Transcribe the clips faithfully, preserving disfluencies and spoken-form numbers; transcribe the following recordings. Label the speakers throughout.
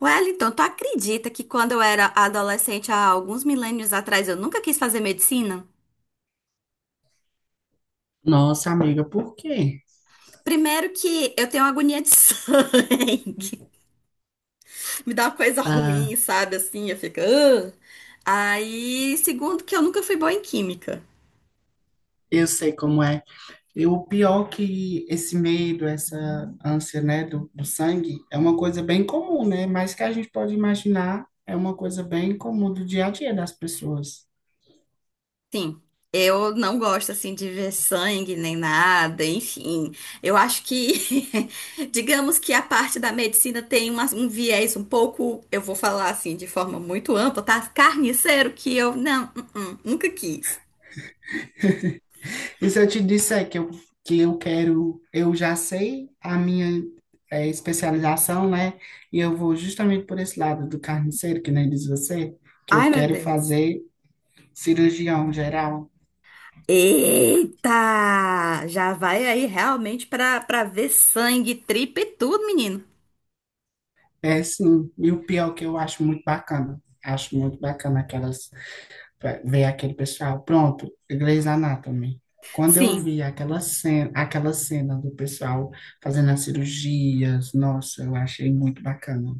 Speaker 1: Wellington, tu acredita que quando eu era adolescente, há alguns milênios atrás, eu nunca quis fazer medicina?
Speaker 2: Nossa, amiga, por quê?
Speaker 1: Primeiro que eu tenho agonia de sangue. Me dá uma coisa
Speaker 2: Ah,
Speaker 1: ruim, sabe? Assim, eu fico. "Ugh". Aí, segundo que eu nunca fui boa em química.
Speaker 2: eu sei como é. E o pior que esse medo, essa ânsia, né, do, do sangue, é uma coisa bem comum, né? Mas que a gente pode imaginar, é uma coisa bem comum do dia a dia das pessoas.
Speaker 1: Sim, eu não gosto assim de ver sangue nem nada, enfim. Eu acho que, digamos que a parte da medicina tem uma- um viés um pouco, eu vou falar assim de forma muito ampla, tá? Carniceiro que eu não, uh-uh, nunca quis.
Speaker 2: E se eu te disser que eu, que eu quero, eu já sei a minha eh, especialização, né? E eu vou justamente por esse lado do carniceiro, que nem diz você, que eu
Speaker 1: Ai, meu
Speaker 2: quero
Speaker 1: Deus.
Speaker 2: fazer cirurgião geral.
Speaker 1: Eita! Já vai aí realmente pra, pra ver sangue, tripa e tudo, menino.
Speaker 2: É sim, e o pior que eu acho muito bacana, acho muito bacana aquelas, ver aquele pessoal, pronto, Grey's Anatomy. Quando eu
Speaker 1: Sim.
Speaker 2: vi aquela cena, aquela cena do pessoal fazendo as cirurgias, nossa, eu achei muito bacana.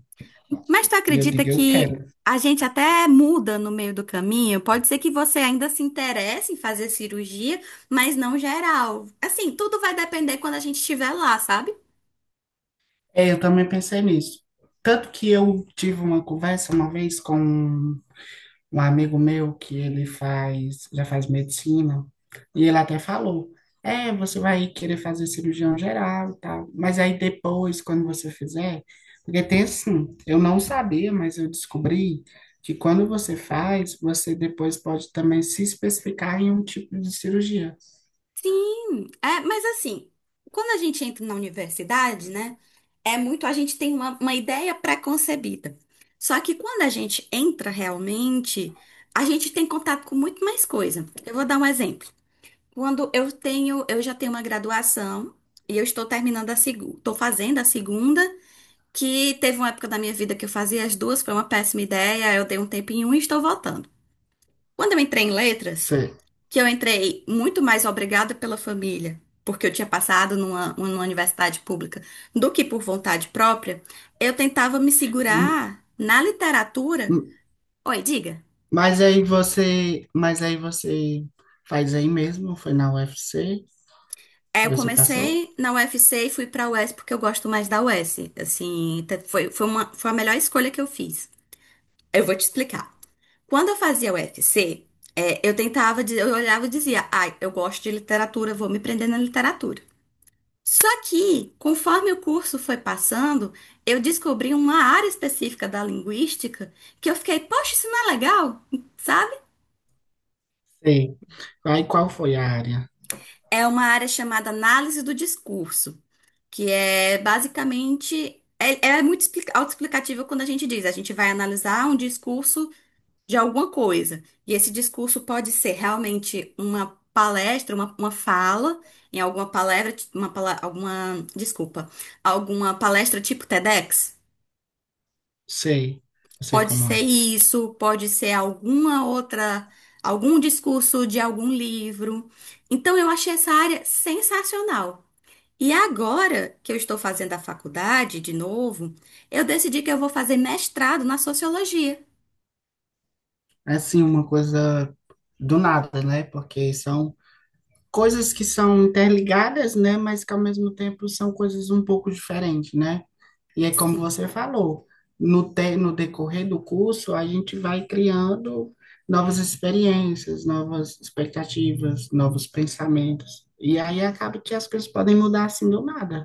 Speaker 1: Mas tu
Speaker 2: E eu
Speaker 1: acredita
Speaker 2: digo, eu
Speaker 1: que
Speaker 2: quero.
Speaker 1: a gente até muda no meio do caminho? Pode ser que você ainda se interesse em fazer cirurgia, mas não geral. Assim, tudo vai depender quando a gente estiver lá, sabe?
Speaker 2: É, eu também pensei nisso. Tanto que eu tive uma conversa uma vez com um um amigo meu que ele faz, já faz medicina, e ele até falou, é, você vai querer fazer cirurgião geral e tal, mas aí depois, quando você fizer, porque tem assim, eu não sabia, mas eu descobri que quando você faz, você depois pode também se especificar em um tipo de cirurgia.
Speaker 1: Sim, é, mas assim, quando a gente entra na universidade, né, é muito, a gente tem uma, uma ideia pré-concebida. Só que quando a gente entra realmente, a gente tem contato com muito mais coisa. Eu vou dar um exemplo. Quando eu tenho, eu já tenho uma graduação e eu estou terminando a segunda, estou fazendo a segunda, que teve uma época da minha vida que eu fazia as duas, foi uma péssima ideia, eu dei um tempo em um e estou voltando. Quando eu entrei em letras,
Speaker 2: Você-
Speaker 1: que eu entrei muito mais obrigada pela família, porque eu tinha passado numa, numa universidade pública, do que por vontade própria, eu tentava me
Speaker 2: m-
Speaker 1: segurar na literatura.
Speaker 2: m-
Speaker 1: Oi, diga.
Speaker 2: Mas aí você, mas aí você faz aí mesmo, foi na U F C,
Speaker 1: É, eu
Speaker 2: você passou?
Speaker 1: comecei na U F C e fui pra U S porque eu gosto mais da U S. Assim, te- foi, foi uma, foi a melhor escolha que eu fiz. Eu vou te explicar. Quando eu fazia U F C, é, eu tentava, dizer- eu olhava e dizia, ai, eu gosto de literatura, vou me prender na literatura. Só que, conforme o curso foi passando, eu descobri uma área específica da linguística que eu fiquei, poxa, isso não é legal, sabe?
Speaker 2: Sei. Aí qual foi a área?
Speaker 1: É uma área chamada análise do discurso. que é basicamente é, é muito expli- autoexplicativo quando a gente diz, a gente vai analisar um discurso de alguma coisa. E esse discurso pode ser realmente uma palestra, uma, uma fala, em alguma palestra, uma, pala- alguma, desculpa, alguma palestra tipo TEDx.
Speaker 2: Sei, eu sei
Speaker 1: Pode
Speaker 2: como
Speaker 1: ser
Speaker 2: é.
Speaker 1: isso, pode ser alguma outra, algum discurso de algum livro. Então eu achei essa área sensacional. E agora que eu estou fazendo a faculdade de novo, eu decidi que eu vou fazer mestrado na sociologia.
Speaker 2: É assim, uma coisa do nada, né? Porque são coisas que são interligadas, né? Mas que ao mesmo tempo são coisas um pouco diferentes, né? E é como
Speaker 1: Sim,
Speaker 2: você falou, no, te, no decorrer do curso, a gente vai criando novas experiências, novas expectativas, novos pensamentos. E aí acaba que as coisas podem mudar assim do nada,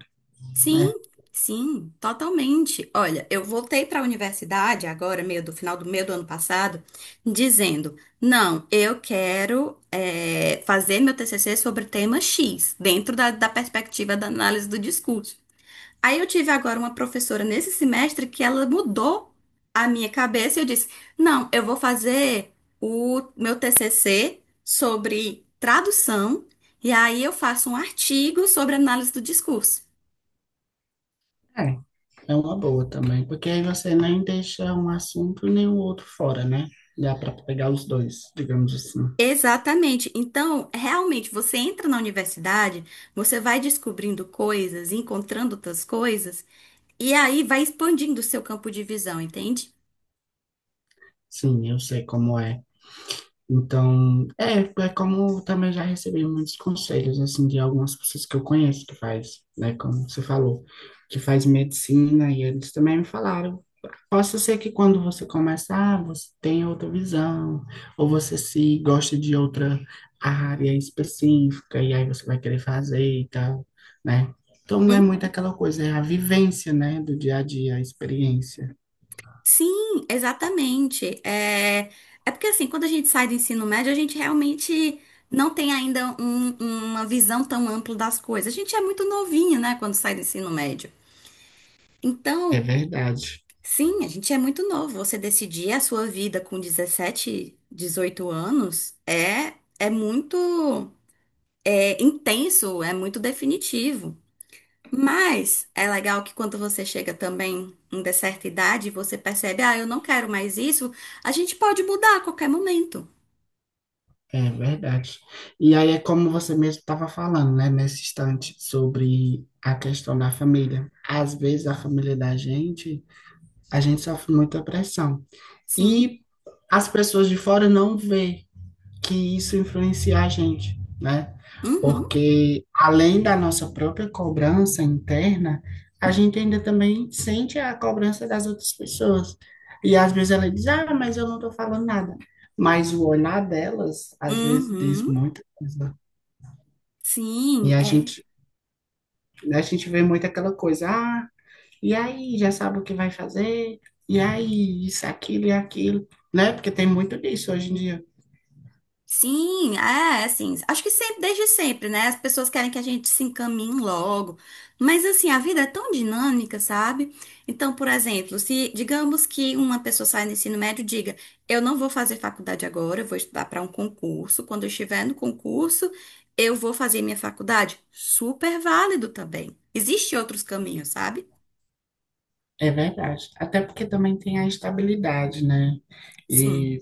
Speaker 2: né?
Speaker 1: sim, sim, totalmente. Olha, eu voltei para a universidade agora, meio do final do meio do ano passado, dizendo: não, eu quero eh, fazer meu T C C sobre tema X, dentro da, da perspectiva da análise do discurso. Aí eu tive agora uma professora nesse semestre que ela mudou a minha cabeça e eu disse: "Não, eu vou fazer o meu T C C sobre tradução e aí eu faço um artigo sobre análise do discurso".
Speaker 2: É. É uma boa também, porque aí você nem deixa um assunto nem o outro fora, né? Dá para pegar os dois, digamos assim.
Speaker 1: Exatamente. Então, realmente, você entra na universidade, você vai descobrindo coisas, encontrando outras coisas, e aí vai expandindo o seu campo de visão, entende?
Speaker 2: Sim, eu sei como é. Então, é, é como eu também já recebi muitos conselhos, assim, de algumas pessoas que eu conheço que faz, né? Como você falou, que faz medicina, e eles também me falaram possa ser que quando você começar, você tenha outra visão, ou você se gosta de outra área específica, e aí você vai querer fazer e tal, né? Então não é muito
Speaker 1: Uhum.
Speaker 2: aquela coisa, é a vivência, né, do dia a dia, a experiência.
Speaker 1: Sim, exatamente. É, é porque assim, quando a gente sai do ensino médio, a gente realmente não tem ainda um- uma visão tão ampla das coisas. A gente é muito novinho, né, quando sai do ensino médio.
Speaker 2: É
Speaker 1: Então,
Speaker 2: verdade,
Speaker 1: sim, a gente é muito novo. Você decidir a sua vida com dezessete dezoito anos é, é, muito é, intenso, é muito definitivo. Mas é legal que quando você chega também em de certa idade, você percebe, ah, eu não quero mais isso, a gente pode mudar a qualquer momento.
Speaker 2: é verdade. E aí é como você mesmo estava falando, né, nesse instante, sobre a questão da família. Às vezes a família da gente, a gente sofre muita pressão.
Speaker 1: Sim.
Speaker 2: E as pessoas de fora não vê que isso influencia a gente, né?
Speaker 1: Uhum.
Speaker 2: Porque além da nossa própria cobrança interna, a gente ainda também sente a cobrança das outras pessoas. E às vezes ela diz, ah, mas eu não estou falando nada. Mas o olhar delas, às vezes, diz
Speaker 1: Uhum.
Speaker 2: muita coisa. E
Speaker 1: Sim,
Speaker 2: a
Speaker 1: é.
Speaker 2: gente, a gente vê muito aquela coisa, ah, e aí, já sabe o que vai fazer? E aí, isso, aquilo e aquilo, né? Porque tem muito disso hoje em dia.
Speaker 1: Sim, é, assim, acho que sempre, desde sempre, né? As pessoas querem que a gente se encaminhe logo, mas assim, a vida é tão dinâmica, sabe? Então, por exemplo, se digamos que uma pessoa sai do ensino médio e diga, eu não vou fazer faculdade agora, eu vou estudar para um concurso, quando eu estiver no concurso, eu vou fazer minha faculdade. Super válido também. Existem outros caminhos, sabe?
Speaker 2: É verdade. Até porque também tem a estabilidade, né?
Speaker 1: Sim.
Speaker 2: E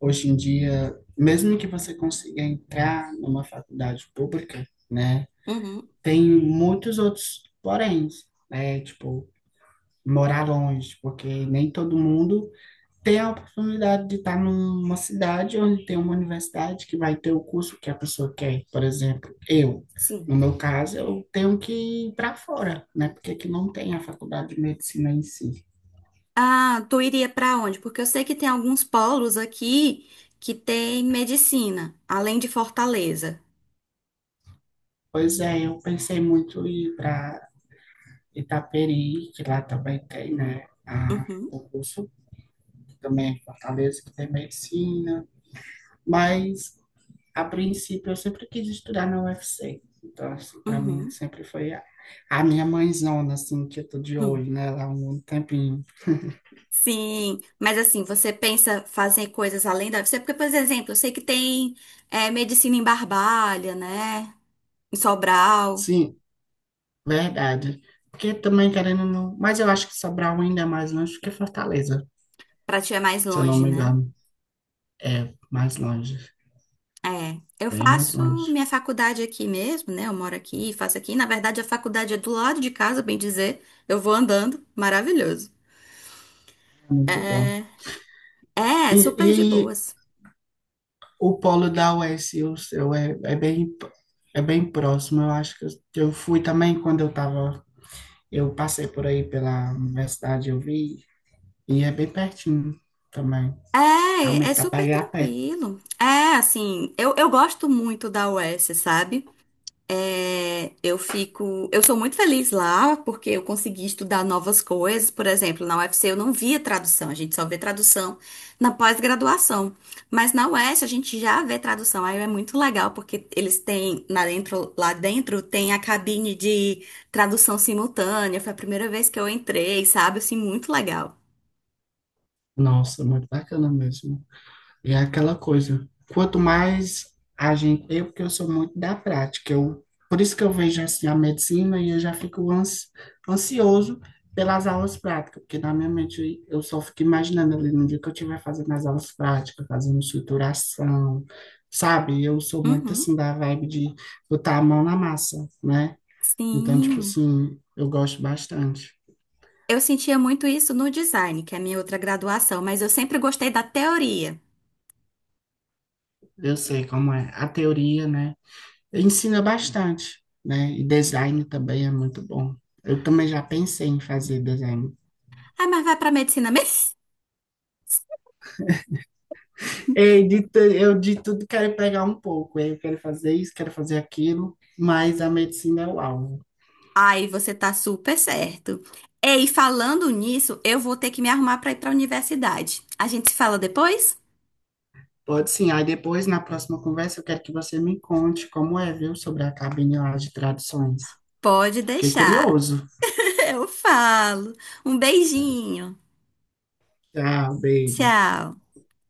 Speaker 2: hoje em dia, mesmo que você consiga entrar numa faculdade pública, né?
Speaker 1: Uhum.
Speaker 2: Tem muitos outros porém, né? Tipo, morar longe, porque nem todo mundo tem a oportunidade de estar numa cidade onde tem uma universidade que vai ter o curso que a pessoa quer. Por exemplo, eu,
Speaker 1: Sim.
Speaker 2: no meu caso, eu tenho que ir para fora, né? Porque aqui não tem a faculdade de medicina em si.
Speaker 1: Ah, tu iria para onde? Porque eu sei que tem alguns polos aqui que tem medicina, além de Fortaleza.
Speaker 2: Pois é, eu pensei muito em ir para Itaperi, que lá também tem, né, a,
Speaker 1: Uhum,
Speaker 2: o curso, que também é em Fortaleza, que tem medicina, mas a princípio eu sempre quis estudar na U F C, então assim, para mim
Speaker 1: uhum,
Speaker 2: sempre foi a, a minha mãezona, assim, que eu tô de
Speaker 1: uhum.
Speaker 2: olho nela há um tempinho.
Speaker 1: Sim, mas assim, você pensa fazer coisas além da... Você, porque, por exemplo, eu sei que tem é, medicina em Barbalha, né? Em Sobral,
Speaker 2: Sim, verdade, porque também querendo, não, mas eu acho que Sobral ainda é mais longe do que Fortaleza,
Speaker 1: para ti é mais
Speaker 2: se eu não
Speaker 1: longe,
Speaker 2: me
Speaker 1: né?
Speaker 2: engano, é mais longe,
Speaker 1: É, eu
Speaker 2: bem mais
Speaker 1: faço
Speaker 2: longe,
Speaker 1: minha faculdade aqui mesmo, né? Eu moro aqui, faço aqui. Na verdade, a faculdade é do lado de casa, bem dizer. Eu vou andando, maravilhoso.
Speaker 2: muito bom.
Speaker 1: É, É, super de
Speaker 2: E
Speaker 1: boas.
Speaker 2: o polo da U E S e o seu é, é bem, é bem próximo. Eu acho que eu, eu fui também quando eu tava, eu passei por aí pela universidade, eu vi, e é bem pertinho também.
Speaker 1: É, é
Speaker 2: Realmente dá pra
Speaker 1: super
Speaker 2: ir a pé.
Speaker 1: tranquilo. É, assim, eu, eu gosto muito da U E S, sabe? É, eu fico, eu sou muito feliz lá porque eu consegui estudar novas coisas. Por exemplo, na U F C eu não via tradução, a gente só vê tradução na pós-graduação. Mas na U E S a gente já vê tradução, aí é muito legal porque eles têm lá dentro, lá dentro tem a cabine de tradução simultânea. Foi a primeira vez que eu entrei, sabe? Assim, muito legal.
Speaker 2: Nossa, muito bacana mesmo. E é aquela coisa, quanto mais a gente, eu porque eu sou muito da prática, eu, por isso que eu vejo assim a medicina e eu já fico ans, ansioso pelas aulas práticas, porque na minha mente eu só fico imaginando ali no dia que eu estiver fazendo as aulas práticas, fazendo estruturação, sabe? Eu sou muito
Speaker 1: Uhum.
Speaker 2: assim da vibe de botar a mão na massa, né? Então, tipo
Speaker 1: Sim.
Speaker 2: assim, eu gosto bastante.
Speaker 1: Eu sentia muito isso no design, que é a minha outra graduação, mas eu sempre gostei da teoria.
Speaker 2: Eu sei como é a teoria, né? Ensina bastante, né? E design também é muito bom. Eu também já pensei em fazer design.
Speaker 1: Ah, mas vai para medicina mesmo?
Speaker 2: Ei, de tu- eu de tudo quero pegar um pouco. Eu quero fazer isso, quero fazer aquilo, mas a medicina é o alvo.
Speaker 1: Ai, você tá super certo. Ei, falando nisso, eu vou ter que me arrumar para ir para a universidade. A gente se fala depois?
Speaker 2: Pode sim. Aí depois, na próxima conversa, eu quero que você me conte como é, viu, sobre a cabine lá de traduções.
Speaker 1: Pode
Speaker 2: Fiquei
Speaker 1: deixar.
Speaker 2: curioso.
Speaker 1: Eu falo. Um beijinho.
Speaker 2: Tchau, beijos.
Speaker 1: Tchau.